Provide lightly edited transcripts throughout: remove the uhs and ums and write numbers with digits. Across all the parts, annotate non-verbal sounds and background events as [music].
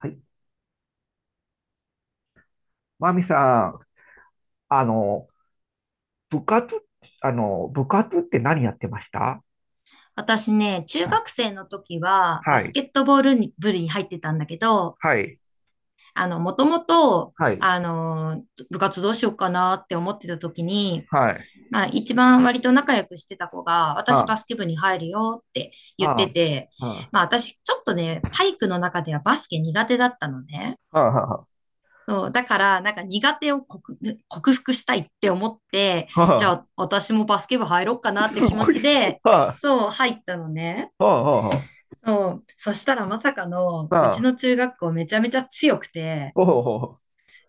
はい。マミさん、あの、部活、部活って何やってました？私ね、中はい。学生の時はバはスい。ケットボールに部に入ってたんだけど、はい。もともと、はい。部活どうしようかなって思ってた時に、はい。まあ一番割と仲良くしてた子が、私はバスケ部に入るよってあ、言ってはて、あ、はまあ私ちょっとね、体育の中ではバスケ苦手だったのね。あ、はあ、はそう、だからなんか苦手を克服したいって思って、あ、じゃあ、あ私もバスケ部入ろうかなってす気持ごい。ちで、はそう、入ったのね。あ、はあ、はそう。そしたらまさかの、あ、うはちあ、の中学校めちゃめちゃ強くて、ほうほうほ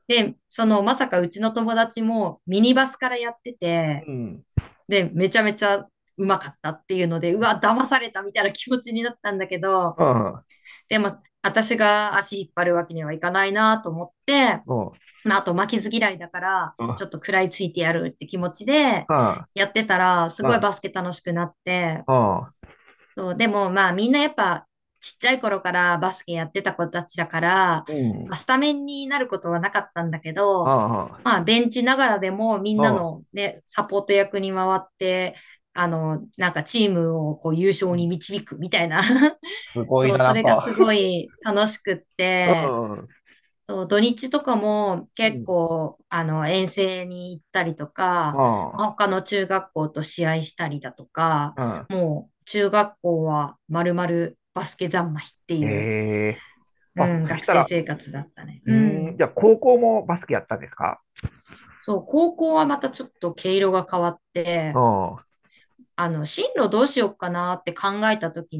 で、そのまさかうちの友達もミニバスからやってて、う。うん。で、めちゃめちゃうまかったっていうので、うわ、騙されたみたいな気持ちになったんだけど、はあ、でも、私が足引っ張るわけにはいかないなと思って、ほまあ、あと負けず嫌いだから、う、ちはょっと食らいついてやるって気持ちで、あ、やってたら、すごはいあ、バスケ楽しくなって、はあ、そう、でもまあみんなやっぱちっちゃい頃からバスケやってた子たちだから、うん。はまあ、スタメンになることはなかったんだけど、あ、まあベンチながらでもみんなはあ、のね、サポート役に回って、なんかチームをこう優う勝にん。導くみたいな す [laughs] ごいそな、う、なそんれがすか。ごい楽しくっうて、ん。そう、土日とかもう結ん。構、遠征に行ったりとか、あまあ他の中学校と試合したりだとか、あ、もう中学校は丸々バスケ三昧ってうん。いう、ええ。うあ、ん、そ学した生ら、生活だったね。ううーん、ん。じゃあ、高校もバスケやったんですか？そう、高校はまたちょっと毛色が変わって、あ進路どうしようかなって考えた時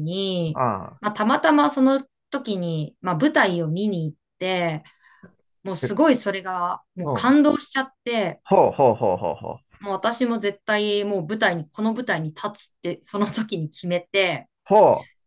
あ、に、ああ。まあ、たまたまその時に、まあ、舞台を見に行って、もうえ、すごいそれが、もううん、ほ感う動しちゃって、ほうほうほうほうもう私も絶対もう舞台に、この舞台に立つって [laughs] その時に決めて、ほう。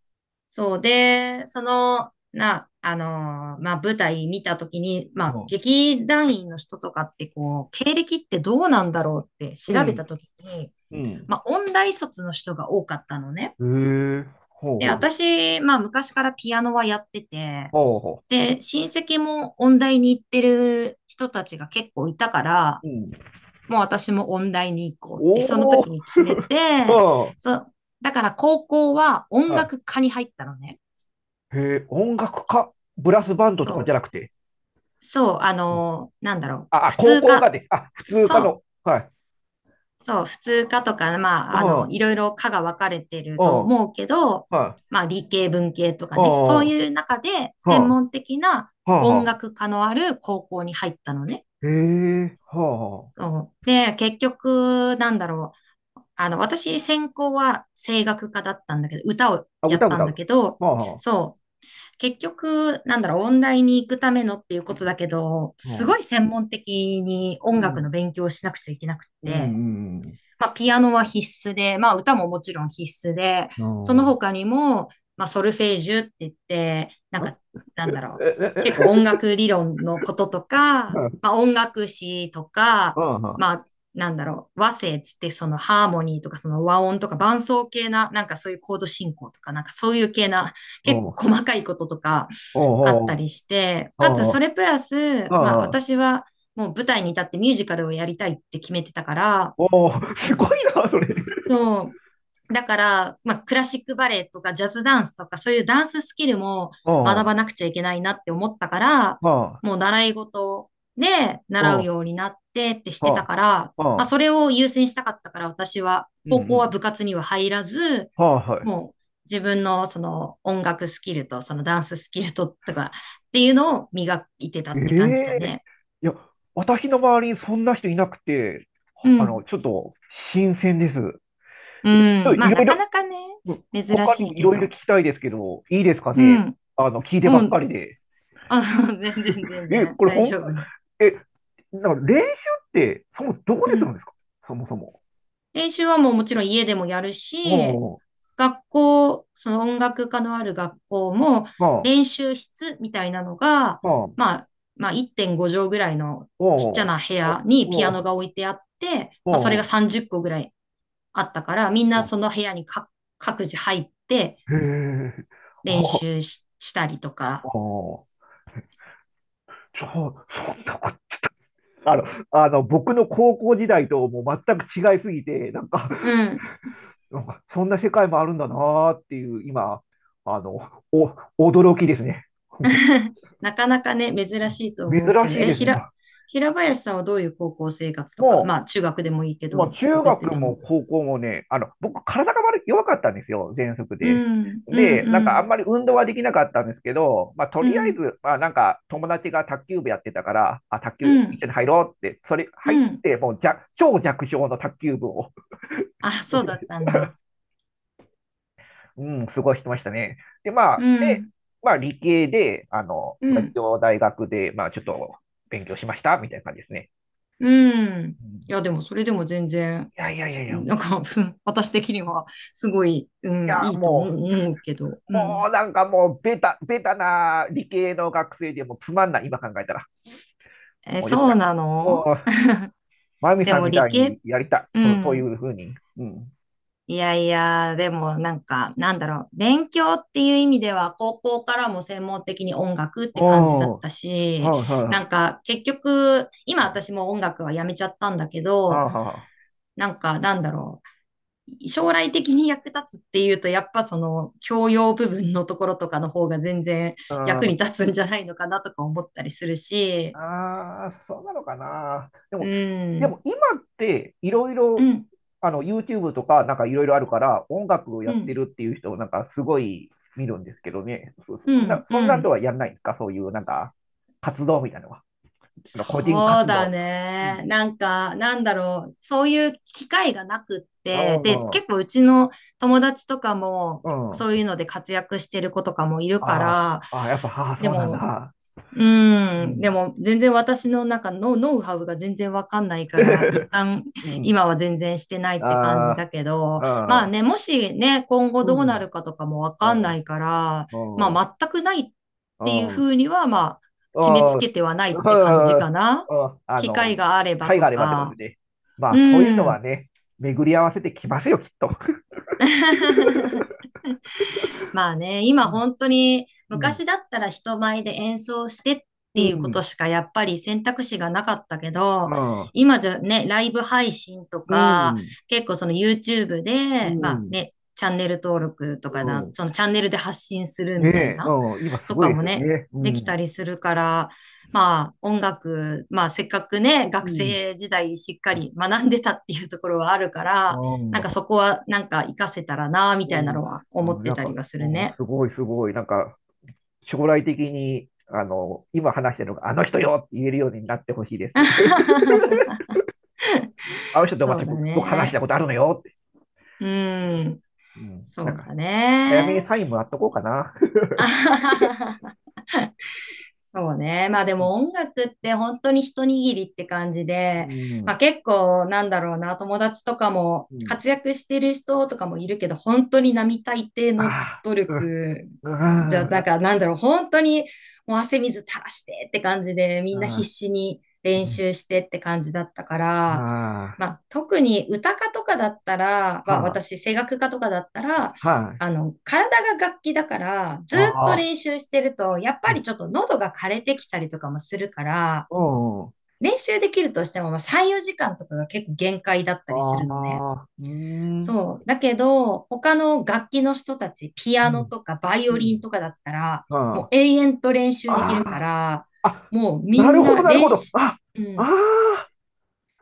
そうで、その、な、あのーまあ、舞台見た時に、まほあ、ん。劇団員の人とかってこう、経歴ってどうなんだろうってう。う調べん、た時に、うん。まあ、音大卒の人が多かったのね。へえ、ほうで、ほうほう。私、まあ、昔からピアノはやってて、ほうほで、親戚も音大に行ってる人たちが結構いたから、う、うん。もう私も音大に行こうって、そのおお、時うに決めて、ん。そう、だから高校は音う、楽科に入ったのね。へえ、音楽家、ブラスバンドとかじゃそなくて。う、そう、うん、なんだろう、あ、あ、普高通校が科、で、あ、普通科そう、の。はい。そう、普通科とか、まうあ、ん、うん、いろいろ科が分かれてると思うけど、はい、まあ、理系、文系とかうん、ね、そうはいう中であ、専は門的なあ、音は楽科のある高校に入ったのね。あ。へえ、はあ、はそうで、結局、なんだろう。私、専攻は声楽科だったんだけど、歌をあ。あ、や歌った歌んだう。けど、はあ、はあ。そう。結局、なんだろう、音大に行くためのっていうことだけど、うすごん。い専門的にう音楽のん、勉強をしなくちゃいけなくっうん、うて、ん。まあ、ピアノは必須で、まあ、歌ももちろん必須で、うそのん、ん、他にも、まあ、ソルフェージュって言って、なんか、なんだえ、ろう、え、え、結構音え、楽理論のこととか、まあ、う音楽史とか、ん、うん、まあ、なんだろう、和声っつってそのハーモニーとかその和音とか伴奏系な、なんかそういうコード進行とか、なんかそういう系な、うん、う結ん、う構細かいこととかん、うあっん、たりして、うかつん、それプラス、まあうん、私はもう舞台に立ってミュージカルをやりたいって決めてたから、おー、すごいな、それ。そう、だから、まあ、クラシックバレエとかジャズダンスとか、そういうダンススキルもうん、う学ん、ばなくちゃいけないなって思ったから、うん、もう習い事でう習うん、ようになってってしてたから、うまあ、ん、それを優先したかったから、私は、う高校はん、部活には入らず、はい、はもう自分のその音楽スキルとそのダンススキルととかっていうのを磨いてたい。って感じだええ、ね。いや、私の周りにそんな人いなくて、うん。ちょっと新鮮です。うえ、ちょっとん。いまあ、ろないかろ、なかね、うん、珍他にしいもいけろいろ聞ど。きたいですけど、いいですかうね。ん。聞いてばもっかうりで。あ、[laughs] 全然全え、然これ大本丈夫ね。当、え、だから練習って、そもそもどこうでするんん。ですか？そもそも。練習はもうもちろん家でもやるおし、ー、学校、その音楽科のある学校もまあ、練習室みたいなのが、まあ、おー、まあ、まあ1.5畳ぐらいのちっちゃおな部お屋にピアノー、が置いてあって、おまあそれがー、30個ぐらいあったから、みんなおその部屋にか各自入ってー、へえ、あ練あ、習したりとあか、あ、そんなこと、あの、僕の高校時代ともう全く違いすぎて、なんか、うん なんかそんな世界もあるんだなーっていう、今、あの、お、驚きですね。[laughs] [laughs] なかなかね、珍しいと思う珍けど、しいえ、ですひね。ら、平林さんはどういう高校生活とか、もまあ中学でもいいけう、もうど、中送って学たもの？高校もね、僕、体が弱かったんですよ、喘息うで。ん、うで、ん、なんうかあん、んまり運動はできなかったんですけど、まあ、とうりあえん、ず、まあ、なんか友達が卓球部やってたから、あ、卓球う一ん、緒に入ろうって、それう入っん。て、もう超弱小の卓球部をあ、持そうちまだっしたんた。だ。[laughs] うん、過ごしてましたね。で、まうあ、で、ん、まあ、理系で、うまあ、一ん、応大学で、まあ、ちょっと勉強しました、みたいな感じですね。うん。うん、いいや、でもそれでも全然、やいやいやいや、いなんか、[laughs] 私的にはすごい、うん、や、いいと思う思うけど、うもん。うなんかもうベタ、な理系の学生でもうつまんない、今考えたら。え、もうよくそなうい。なもの？う、マミでさんもみた理いに系、やりたい。うそう、そういん。うふうに。うん。いやいや、でもなんか、なんだろう、勉強っていう意味では、高校からも専門的に音楽って感じだっおー、たし、はいはなんい。か結局、今うん、私も音楽はやめちゃったんだけあど、あ、なんかなんだろう、将来的に役立つっていうと、やっぱその教養部分のところとかの方が全然う役にん。立つんじゃないのかなとか思ったりするし、ああ、そうなのかな。でうも、ん、今っていろいうろ、ん、YouTube とかなんかいろいろあるから、音楽をうやってん、るっていう人をなんかすごい見るんですけどね。うん、そんうなとん。はやんないんですか？そういうなんか活動みたいなのは。個人そう活動だとか。うん。ね。なんか、なんだろう。そういう機会がなくっうて、で、ん。う結構うちの友達とかも、そういうん。ので活躍してる子とかもいるかあら、あ、ああ、やっぱ、ああ、でそうなんもだ。ううん。でん。も、全然私の中のノウハウが全然わかんないから、一 [laughs] 旦、うん。今は全然してない [laughs] あって感じだけど、あ、あまああ、ね、もしね、今後うどうなん。るかとかもわうかんん。ないから、うまん。うん。あ、全くないっうていうふん。うには、まあ、決めつそけう、てはないって感じかな。うん、機会があれ機ば会とがあればってことでか。すね。まあ、そういううのはん。ね、巡り合わせてきますよ、きっと。[laughs] まあね、今うん。本当にうん。昔だったら人前で演奏してっうていうことん。しかやっぱり選択肢がなかったけうど、ん。今じゃね、ライブ配信とうか、ん。結構その YouTube うで、まあん。ね、チャンネル登録とうかだ、ん、そのチャンネルで発信するねみたいえ、な、うん。今すとごいかですもよね、ね。うできん。たりするから、まあ音楽、まあせっかくね、う学ん。生時代しっかり学んでたっていうところはあるから、うん。なんかそこはなんか活かせたらな、みうたいん、なのは思っうん、なてんたりか、はするうん、ね。すごい、すごい、なんか、将来的に、今話してるのが、あの人よって言えるようになってほしいです。[laughs] [laughs] あの人とそうだ僕話しね。たことあるのよって。うん。うん、なそんうか、だ早めにね。サインもらっとこうかな。[laughs] [laughs] そうね。まあでも音楽って本当に一握りって感じうで、まあん、結構なんだろうな、友達とかもうん、活躍してる人とかもいるけど、本当に並大抵あの努あ、力うじゃ、ん、うん、なんな、かなんだろう、本当にもう汗水垂らしてって感じで、みんな必あ死にー、練ね、習してって感じだったから、あー、まあ特に歌家とかだったら、まあはあ、私声楽家とかだったら、はい、体が楽器だから、ずっとああ、練習してると、やっうぱりん、ちょっと喉が枯れてきたりとかもするから、うん、練習できるとしても、まあ、3、4時間とかが結構限界だったありするのね。あ、うーん、そう。だけど、他の楽器の人たち、ピうアノん、とかバイうオリンん、とかだったら、もうは永遠と練習あ、できるかあら、あ、あ、もうみなるんほど、ななるほ練ど。習、あ、うあん、あ、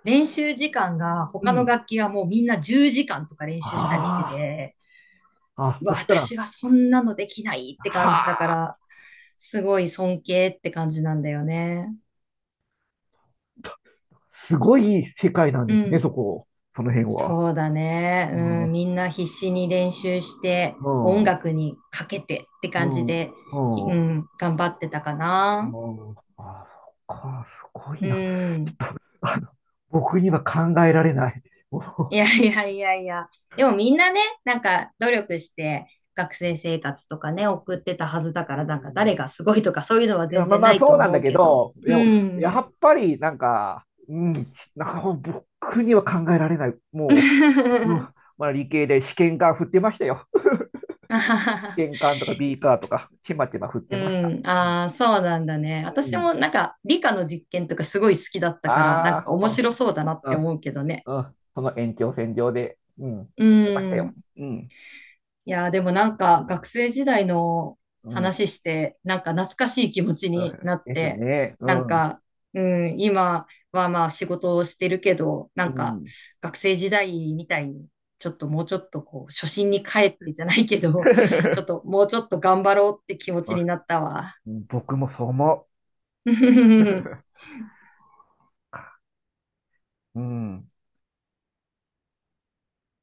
練習時間が、う他のん。楽器はもうみんな10時間とか練習したりしてあて、あ、あ、そしたら、私はそんなのできないっては感じだかあ、ら、すごい尊敬って感じなんだよね。すごい世界なんうですね、ん。そこ、その辺は。そうだね。うん、うん。うみんな必死に練習して、ん、音う楽にかけてって感じん、で、ううん、ん、頑張ってたかな。うん。あ、そっか、すごいうな。ちん。ょっと、僕には考えられない。[laughs] もいう、やいやいやいや。でもみんなね、なんか努力して学生生活とかね、送ってたはずだかうら、なんかん、誰がすごいとかそういうのはいや、全まあ然まなあ、いそとうなん思だうけけど。ど、いうや、ん。やっぱり、なんか、うん、なんか僕には考えられない。もう、うん、[laughs] まあ、理系で試験管振ってましたよ。[laughs] 試験管とかビーカーとか、ちまちま振ってうました。ん、うん。ああ、そうなんだね。う私ん、もなんか理科の実験とかすごい好きだったから、なんああ、か面ま白そうだなっあ、て思うけどね。うん、うん、うん。その延長線上で、うん、うやってましたよ。ん。うん、いやー、でもなんか学生時代のうん。うん話して、なんか懐かしい気持ちになっですて、ね。うなんん、うか、うん、今はまあ仕事をしてるけど、なんかん。学生時代みたいに、ちょっともうちょっとこう、初心に帰ってじゃないけど、ちょっと [laughs] もうちょっと頑張ろうって気持ちになったわ。うん、僕もそう思う。[laughs] [laughs] うん。